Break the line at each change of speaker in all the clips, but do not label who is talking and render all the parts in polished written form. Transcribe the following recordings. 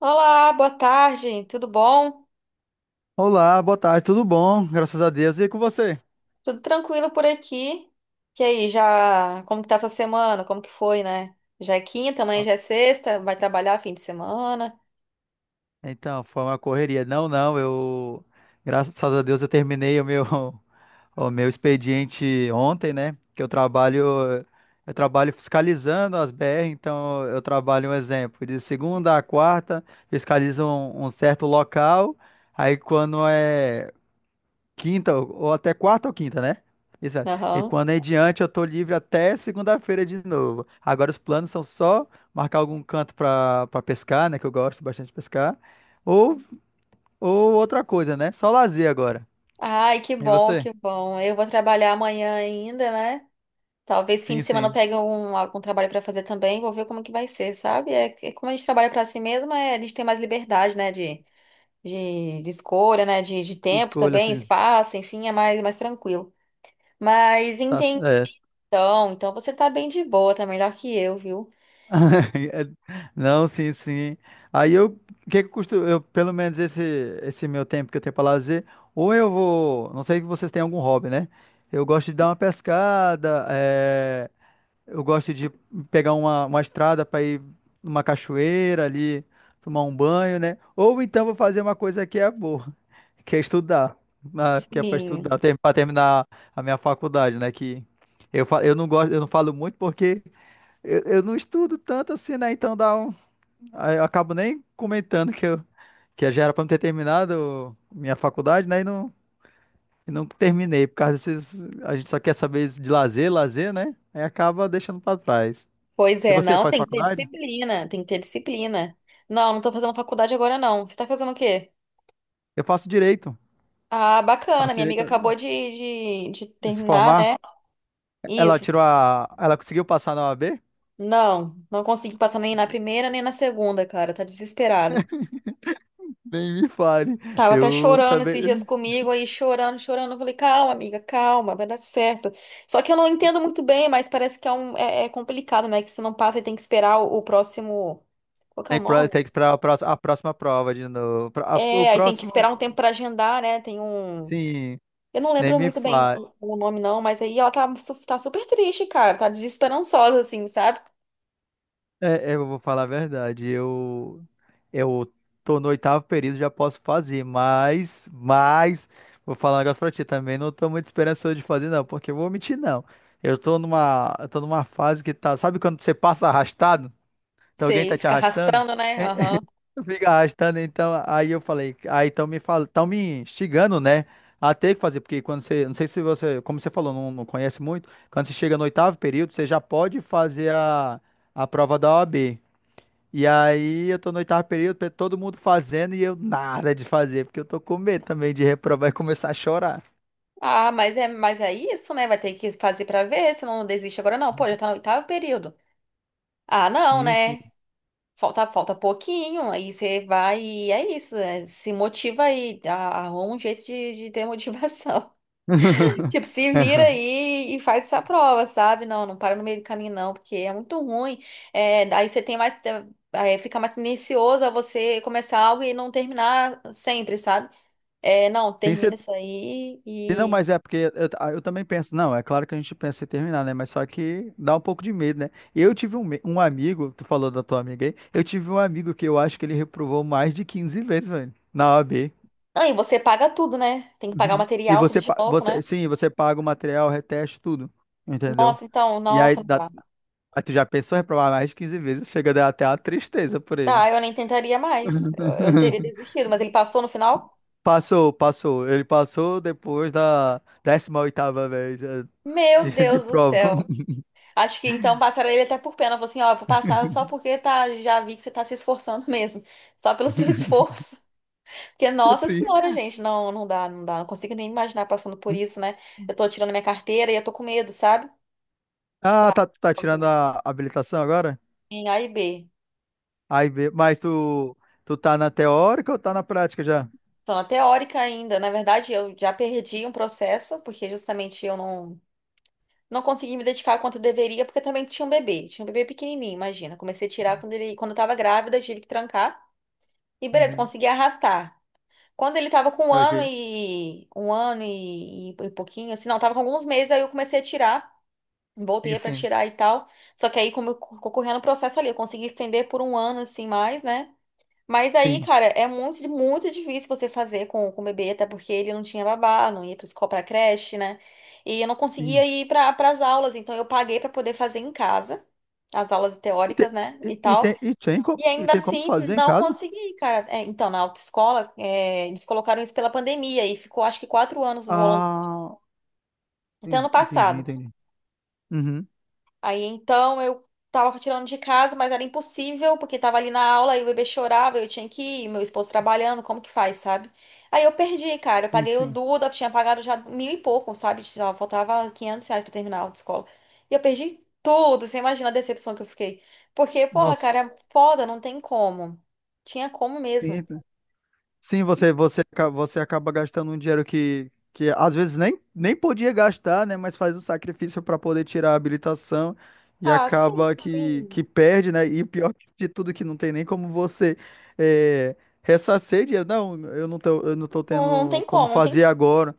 Olá, boa tarde, tudo bom?
Olá, boa tarde, tudo bom? Graças a Deus. E com você?
Tudo tranquilo por aqui? E aí, já, como que tá sua semana? Como que foi, né? Já é quinta, amanhã
Ah,
já é sexta, vai trabalhar fim de semana?
então, foi uma correria. Não, não, eu. Graças a Deus eu terminei o meu, o meu expediente ontem, né? Que eu trabalho. Eu trabalho fiscalizando as BR, então eu trabalho um exemplo. De segunda a quarta, fiscalizo um certo local. Aí quando é. Quinta, ou até quarta ou quinta, né? Exato. E
Aham.
quando é em diante, eu tô livre até segunda-feira de novo. Agora os planos são só marcar algum canto pra pescar, né? Que eu gosto bastante de pescar. Ou, ou outra coisa, né? Só lazer agora.
Ai, que
E
bom,
você?
que bom. Eu vou trabalhar amanhã ainda, né? Talvez fim
Sim,
de semana eu
sim.
pegue algum trabalho pra fazer também, vou ver como que vai ser, sabe? É, como a gente trabalha pra si mesmo, é, a gente tem mais liberdade, né, de escolha, né, de tempo
Escolha,
também,
assim.
espaço, enfim, é mais tranquilo. Mas
Tá,
entendi.
é,
Então você tá bem de boa, tá melhor que eu, viu?
Não, sim, sim. Aí eu, o que que custa, eu, pelo menos esse meu tempo que eu tenho para lazer, ou eu vou, não sei se vocês têm algum hobby, né? Eu gosto de dar uma pescada, eu gosto de pegar uma estrada para ir numa cachoeira ali, tomar um banho, né? Ou então vou fazer uma coisa que é boa, que é estudar, que é para
Sim.
estudar, para terminar a minha faculdade, né? Que eu, eu não gosto, eu não falo muito porque eu não estudo tanto assim, né? Então dá um. Aí eu acabo nem comentando que eu que já era pra eu ter terminado minha faculdade, né? E não terminei, por causa desses. A gente só quer saber de lazer, lazer, né? Aí acaba deixando pra trás.
Pois
E
é,
você
não,
faz
tem que ter
faculdade?
disciplina, tem que ter disciplina. Não, não tô fazendo faculdade agora, não. Você tá fazendo o quê?
Eu faço direito.
Ah, bacana,
Faço
minha amiga
direito
acabou de
de se
terminar,
formar.
né?
Ela
Isso.
tirou a. Ela conseguiu passar na OAB?
Não, não consegui passar nem na primeira nem na segunda, cara, tá desesperada.
Nem me fale.
Tava até
Eu
chorando esses dias
também.
comigo, aí chorando, chorando. Eu falei, calma, amiga, calma, vai dar certo. Só que eu não entendo muito bem, mas parece que é complicado, né? Que se não passa, aí tem que esperar o próximo. Qual que é o
Tem que pra,
nome?
tem que pra a próxima prova de novo. O
É, aí tem que
próximo.
esperar um tempo pra agendar, né? Tem um.
Sim,
Eu não
nem
lembro
me
muito bem
fale.
o nome, não, mas aí ela tá super triste, cara. Tá desesperançosa, assim, sabe?
É, é, eu vou falar a verdade. Eu tô no oitavo período, já posso fazer, mas, vou falar um negócio pra ti também. Não tô muito esperançoso de fazer, não, porque eu vou mentir, não. Eu tô numa fase que tá. Sabe quando você passa arrastado? Então alguém
Sei,
tá te
fica
arrastando?
arrastando, né?
É, é,
Aham.
fica arrastando, então. Aí eu falei, aí estão me fal, tão me instigando, né? A ter que fazer, porque quando você, não sei se você, como você falou, não, não conhece muito, quando você chega no oitavo período, você já pode fazer a prova da OAB. E aí eu tô no oitavo período, todo mundo fazendo e eu nada de fazer, porque eu tô com medo também de reprovar e começar a chorar.
Ah, mas é isso, né? Vai ter que fazer pra ver, se não desiste agora, não. Pô, já tá no oitavo período. Ah, não,
Sim, sim.
né? Falta pouquinho, aí você vai e é isso, é, se motiva aí, arruma um jeito de ter motivação. Tipo, se vira aí e faz essa prova, sabe? Não, não para no meio do caminho não, porque é muito ruim. É, aí você tem mais, aí fica mais tendencioso a você começar algo e não terminar sempre, sabe? É, não,
Tem
termina
cer-
isso aí
Não,
e...
mas é porque eu também penso, não, é claro que a gente pensa em terminar, né? Mas só que dá um pouco de medo, né? Eu tive um amigo, tu falou da tua amiga aí, eu tive um amigo que eu acho que ele reprovou mais de 15 vezes, velho, na OAB.
Não, e você paga tudo, né? Tem que pagar o
E
material tudo
você,
de
pa-
novo,
você,
né?
sim, você paga o material, reteste, tudo, entendeu?
Nossa, então,
E aí
nossa, não
dá,
dá.
mas tu já pensou em reprovar mais de 15 vezes? Chega a dar até uma tristeza por ele.
Ah, eu nem tentaria mais. Eu teria desistido, mas ele passou no final?
Passou, passou. Ele passou depois da 18ª vez,
Meu
de
Deus do
prova.
céu. Acho que então passaram ele até por pena. Falou assim, ó, eu vou passar só porque tá, já vi que você tá se esforçando mesmo. Só pelo seu esforço. Porque, nossa
Assim.
senhora, gente, não, não dá, não dá. Não consigo nem imaginar passando por isso, né? Eu tô tirando minha carteira e eu tô com medo, sabe?
Ah,
Dá.
tá, tu tá tirando
Também.
a habilitação agora?
Em A e B.
Aí, mas tu tá na teórica ou tá na prática já?
Então, na teórica ainda, na verdade, eu já perdi um processo, porque justamente eu não. Não consegui me dedicar quanto eu deveria, porque também tinha um bebê. Tinha um bebê pequenininho, imagina. Comecei a tirar quando eu tava grávida, tive que trancar. E beleza,
Uhum.
consegui arrastar. Quando ele tava com um ano
Ok.
e um ano e pouquinho, assim, não, tava com alguns meses, aí eu comecei a tirar.
Sim,
Voltei pra
sim,
tirar e tal. Só que aí, como eu correndo o processo ali, eu consegui estender por um ano, assim, mais, né? Mas aí,
sim,
cara, é muito, muito difícil você fazer com o bebê, até porque ele não tinha babá, não ia pra escola, pra creche, né? E eu não
sim.
conseguia ir para as aulas, então eu paguei para poder fazer em casa, as aulas
E,
teóricas,
te-
né, e tal.
tem,
E
e
ainda
tem como
assim,
fazer em
não
casa?
consegui, cara. É, então, na autoescola, é, eles colocaram isso pela pandemia e ficou acho que 4 anos rolando,
Ah,
até ano
entendi, entendi.
passado.
Entendi. Uhum.
Aí então eu tava tirando de casa, mas era impossível, porque tava ali na aula e o bebê chorava, eu tinha que ir, meu esposo trabalhando, como que faz, sabe? Aí eu perdi, cara. Eu
Sim,
paguei o
sim.
Duda, eu tinha pagado já mil e pouco, sabe? Só faltava R$ 500 pra terminar a aula de escola. E eu perdi tudo, você imagina a decepção que eu fiquei. Porque, porra, cara,
Nossa,
é foda, não tem como. Tinha como mesmo.
sim, sim, você acaba gastando um dinheiro que às vezes nem podia gastar, né? Mas faz um sacrifício para poder tirar a habilitação e
Ah, sim,
acaba que
sim.
perde, né? E pior de tudo, que não tem nem como você é, ressarcir dinheiro. Não, eu não tô
Não, não
tendo
tem
como
como, não tem
fazer
como
agora.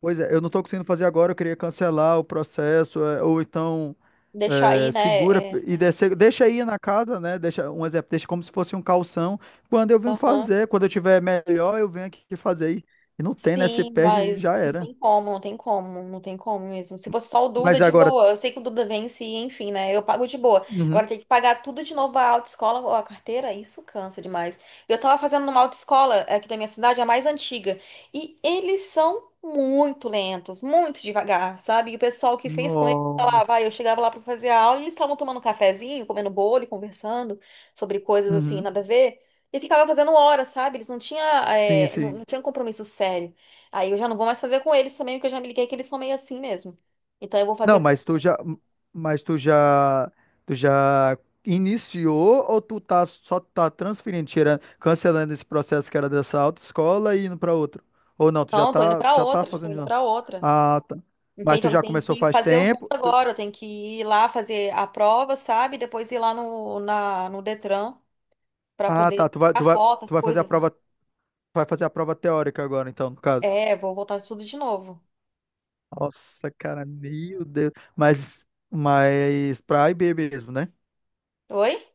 Pois é, eu não estou conseguindo fazer agora, eu queria cancelar o processo, ou então
deixar aí,
segura
né? É,
e deixa aí na casa, né? Deixa um exemplo, deixa como se fosse um calção. Quando eu venho
aham.
fazer, quando eu tiver melhor, eu venho aqui fazer. E não tem, né? Você
Sim,
perde e
mas
já
não
era.
tem como, não tem como, não tem como mesmo. Se fosse só o Duda,
Mas
de
agora.
boa. Eu sei que o Duda vence, enfim, né? Eu pago de boa.
Uhum.
Agora tem que pagar tudo de novo a autoescola ou a carteira, isso cansa demais. Eu tava fazendo numa autoescola aqui da minha cidade, a mais antiga, e eles são muito lentos, muito devagar, sabe? E o pessoal que fez com eles, tá lá, vai, eu
Nossa.
chegava lá pra fazer a aula e eles estavam tomando um cafezinho, comendo bolo e conversando sobre coisas assim,
Uhum.
nada a ver. E ficava fazendo hora, sabe? Eles não tinham,
Sim,
é, não,
sim.
não tinham compromisso sério. Aí eu já não vou mais fazer com eles também, porque eu já me liguei que eles são meio assim mesmo. Então eu vou
Não,
fazer com.
mas tu já, tu já iniciou ou tu tá só tá transferindo, tirando, cancelando esse processo que era dessa autoescola e indo para outro? Ou não, tu já
Não, tô indo
tá,
pra
já tá
outra, já tô
fazendo de
indo
novo?
pra outra.
Ah, tá. Mas
Entende?
tu
Eu
já
tenho
começou
que
faz
fazer o duplo
tempo?
agora, eu tenho que ir lá fazer a prova, sabe? Depois ir lá no, no Detran pra
Ah, tá,
poder
tu vai,
tirar
tu vai,
foto, as
tu vai fazer a
coisas, né?
prova, vai fazer a prova, teórica agora, então, no caso.
É, vou voltar tudo de novo.
Nossa, cara, meu Deus. Mas pra IB mesmo, né?
Oi?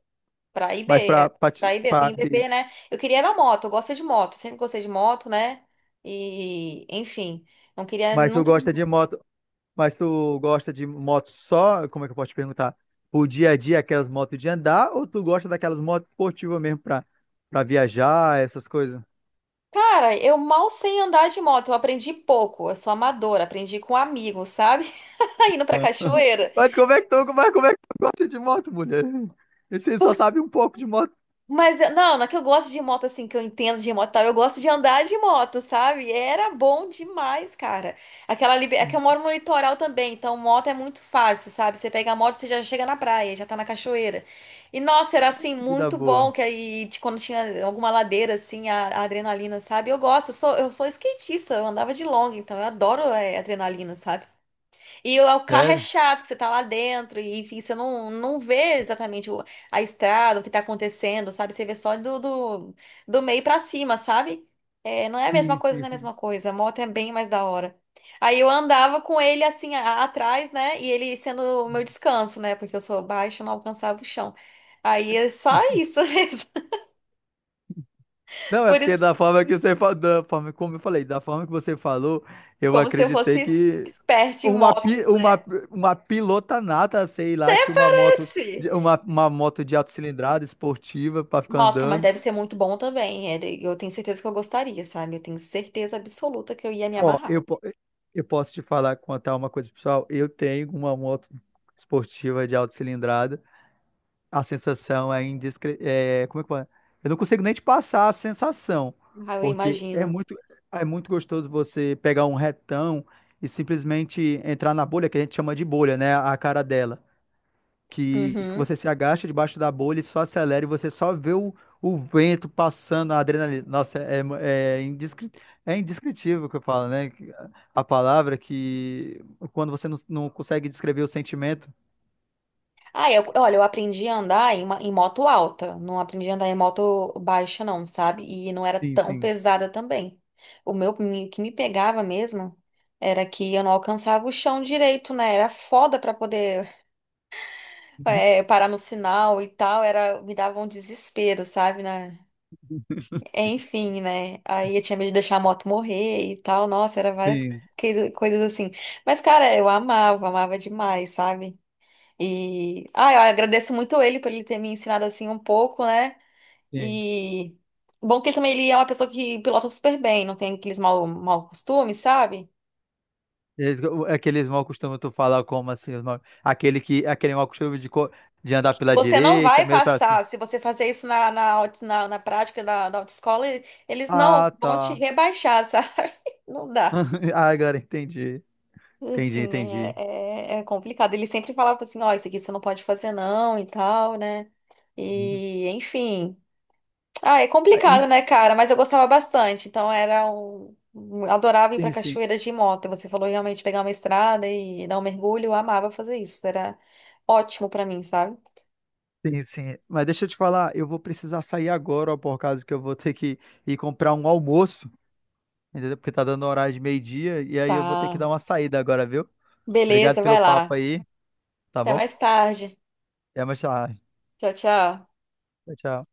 Pra IB,
Mas
é.
pra, pra, ti-
Pra IB, eu tenho
pra IB.
IBB, né? Eu queria era moto, eu gosto de moto, sempre gostei de moto, né? E, enfim, não queria
Mas tu
nunca.
gosta de moto. Mas tu gosta de moto só, como é que eu posso te perguntar? O dia a dia, aquelas motos de andar, ou tu gosta daquelas motos esportivas mesmo pra viajar, essas coisas?
Cara, eu mal sei andar de moto, eu aprendi pouco, eu sou amadora, aprendi com amigos, sabe? Indo pra cachoeira.
Mas como é que tu gosta de moto, mulher? Você só sabe um pouco de moto.
Não, não é que eu gosto de moto assim, que eu entendo de moto e tal. Eu gosto de andar de moto, sabe? Era bom demais, cara. É que eu moro no litoral também, então moto é muito fácil, sabe? Você pega a moto, você já chega na praia, já tá na cachoeira. E nossa, era assim
Vida
muito bom
boa.
que aí de quando tinha alguma ladeira assim, a adrenalina, sabe? Eu gosto, eu sou skatista, eu andava de longa, então eu adoro adrenalina, sabe? E o carro é
Sério?
chato, que você tá lá dentro, e enfim, você não vê exatamente a estrada, o que tá acontecendo, sabe? Você vê só do, do meio pra cima, sabe? É, não é a mesma
Sim,
coisa, não
sim,
é a
sim.
mesma coisa. A moto é bem mais da hora. Aí eu andava com ele assim atrás, né? E ele sendo o meu descanso, né? Porque eu sou baixa, não alcançava o chão. Aí é só isso mesmo.
Não, é
Por
porque
isso,
da forma que você falou, da forma, como eu falei, da forma que você falou, eu
como se eu fosse
acreditei
es-
que
expert em
Uma, pi-
motos, né?
uma, uma pilota nata, sei lá, tinha uma moto,
Esse.
uma moto de alta cilindrada esportiva para ficar
Nossa, mas
andando.
deve ser muito bom também. Eu tenho certeza que eu gostaria, sabe? Eu tenho certeza absoluta que eu ia me
Ó,
amarrar.
eu posso te falar, contar uma coisa, pessoal. Eu tenho uma moto esportiva de alta cilindrada. A sensação é como é que fala? Eu não consigo nem te passar a sensação,
Ah, eu
porque é
imagino.
muito, é muito gostoso você pegar um retão e simplesmente entrar na bolha, que a gente chama de bolha, né? A cara dela. Que
Uhum.
você se agacha debaixo da bolha e só acelera e você só vê o vento passando, a adrenalina. Nossa, é indescritível o que eu falo, né? A palavra que quando você não consegue descrever o sentimento.
Ah, eu, olha, eu aprendi a andar em moto alta. Não aprendi a andar em moto baixa, não, sabe? E não era
Sim,
tão
sim.
pesada também. O que me pegava mesmo era que eu não alcançava o chão direito, né? Era foda pra poder, parar no sinal e tal. Era, me dava um desespero, sabe? Enfim, né? Aí eu tinha medo de deixar a moto morrer e tal. Nossa, era várias
Sim,
coisas assim. Mas, cara, eu amava, amava demais, sabe? E. Ah, eu agradeço muito ele por ele ter me ensinado assim um pouco, né?
sim.
E. Bom que ele também ele é uma pessoa que pilota super bem, não tem aqueles mau, mau costumes, sabe?
Aqueles mal costumam tu falar como assim, aquele mal costume de andar
Que
pela
você não
direita,
vai
mesmo pela.
passar. Se você fazer isso na, na prática da autoescola, eles não
Ah,
vão te
tá.
rebaixar, sabe? Não dá.
Ah, agora entendi. Entendi,
Assim, é,
entendi.
é, é complicado. Ele sempre falava assim, ó, isso aqui você não pode fazer não e tal, né?
Uhum.
E, enfim. Ah, é
Ah,
complicado,
en-
né, cara? Mas eu gostava bastante. Então era Adorava ir pra
Sim, sim.
cachoeira de moto. E você falou realmente pegar uma estrada e dar um mergulho. Eu amava fazer isso. Era ótimo pra mim, sabe?
Sim, sim. Mas deixa eu te falar, eu vou precisar sair agora, ó, por causa que eu vou ter que ir comprar um almoço, entendeu? Porque tá dando horário de meio-dia, e aí eu vou ter que dar
Tá.
uma saída agora, viu? Obrigado
Beleza, vai
pelo papo
lá.
aí, tá
Até
bom?
mais tarde.
Até mais tarde.
Tchau, tchau.
Tchau, tchau.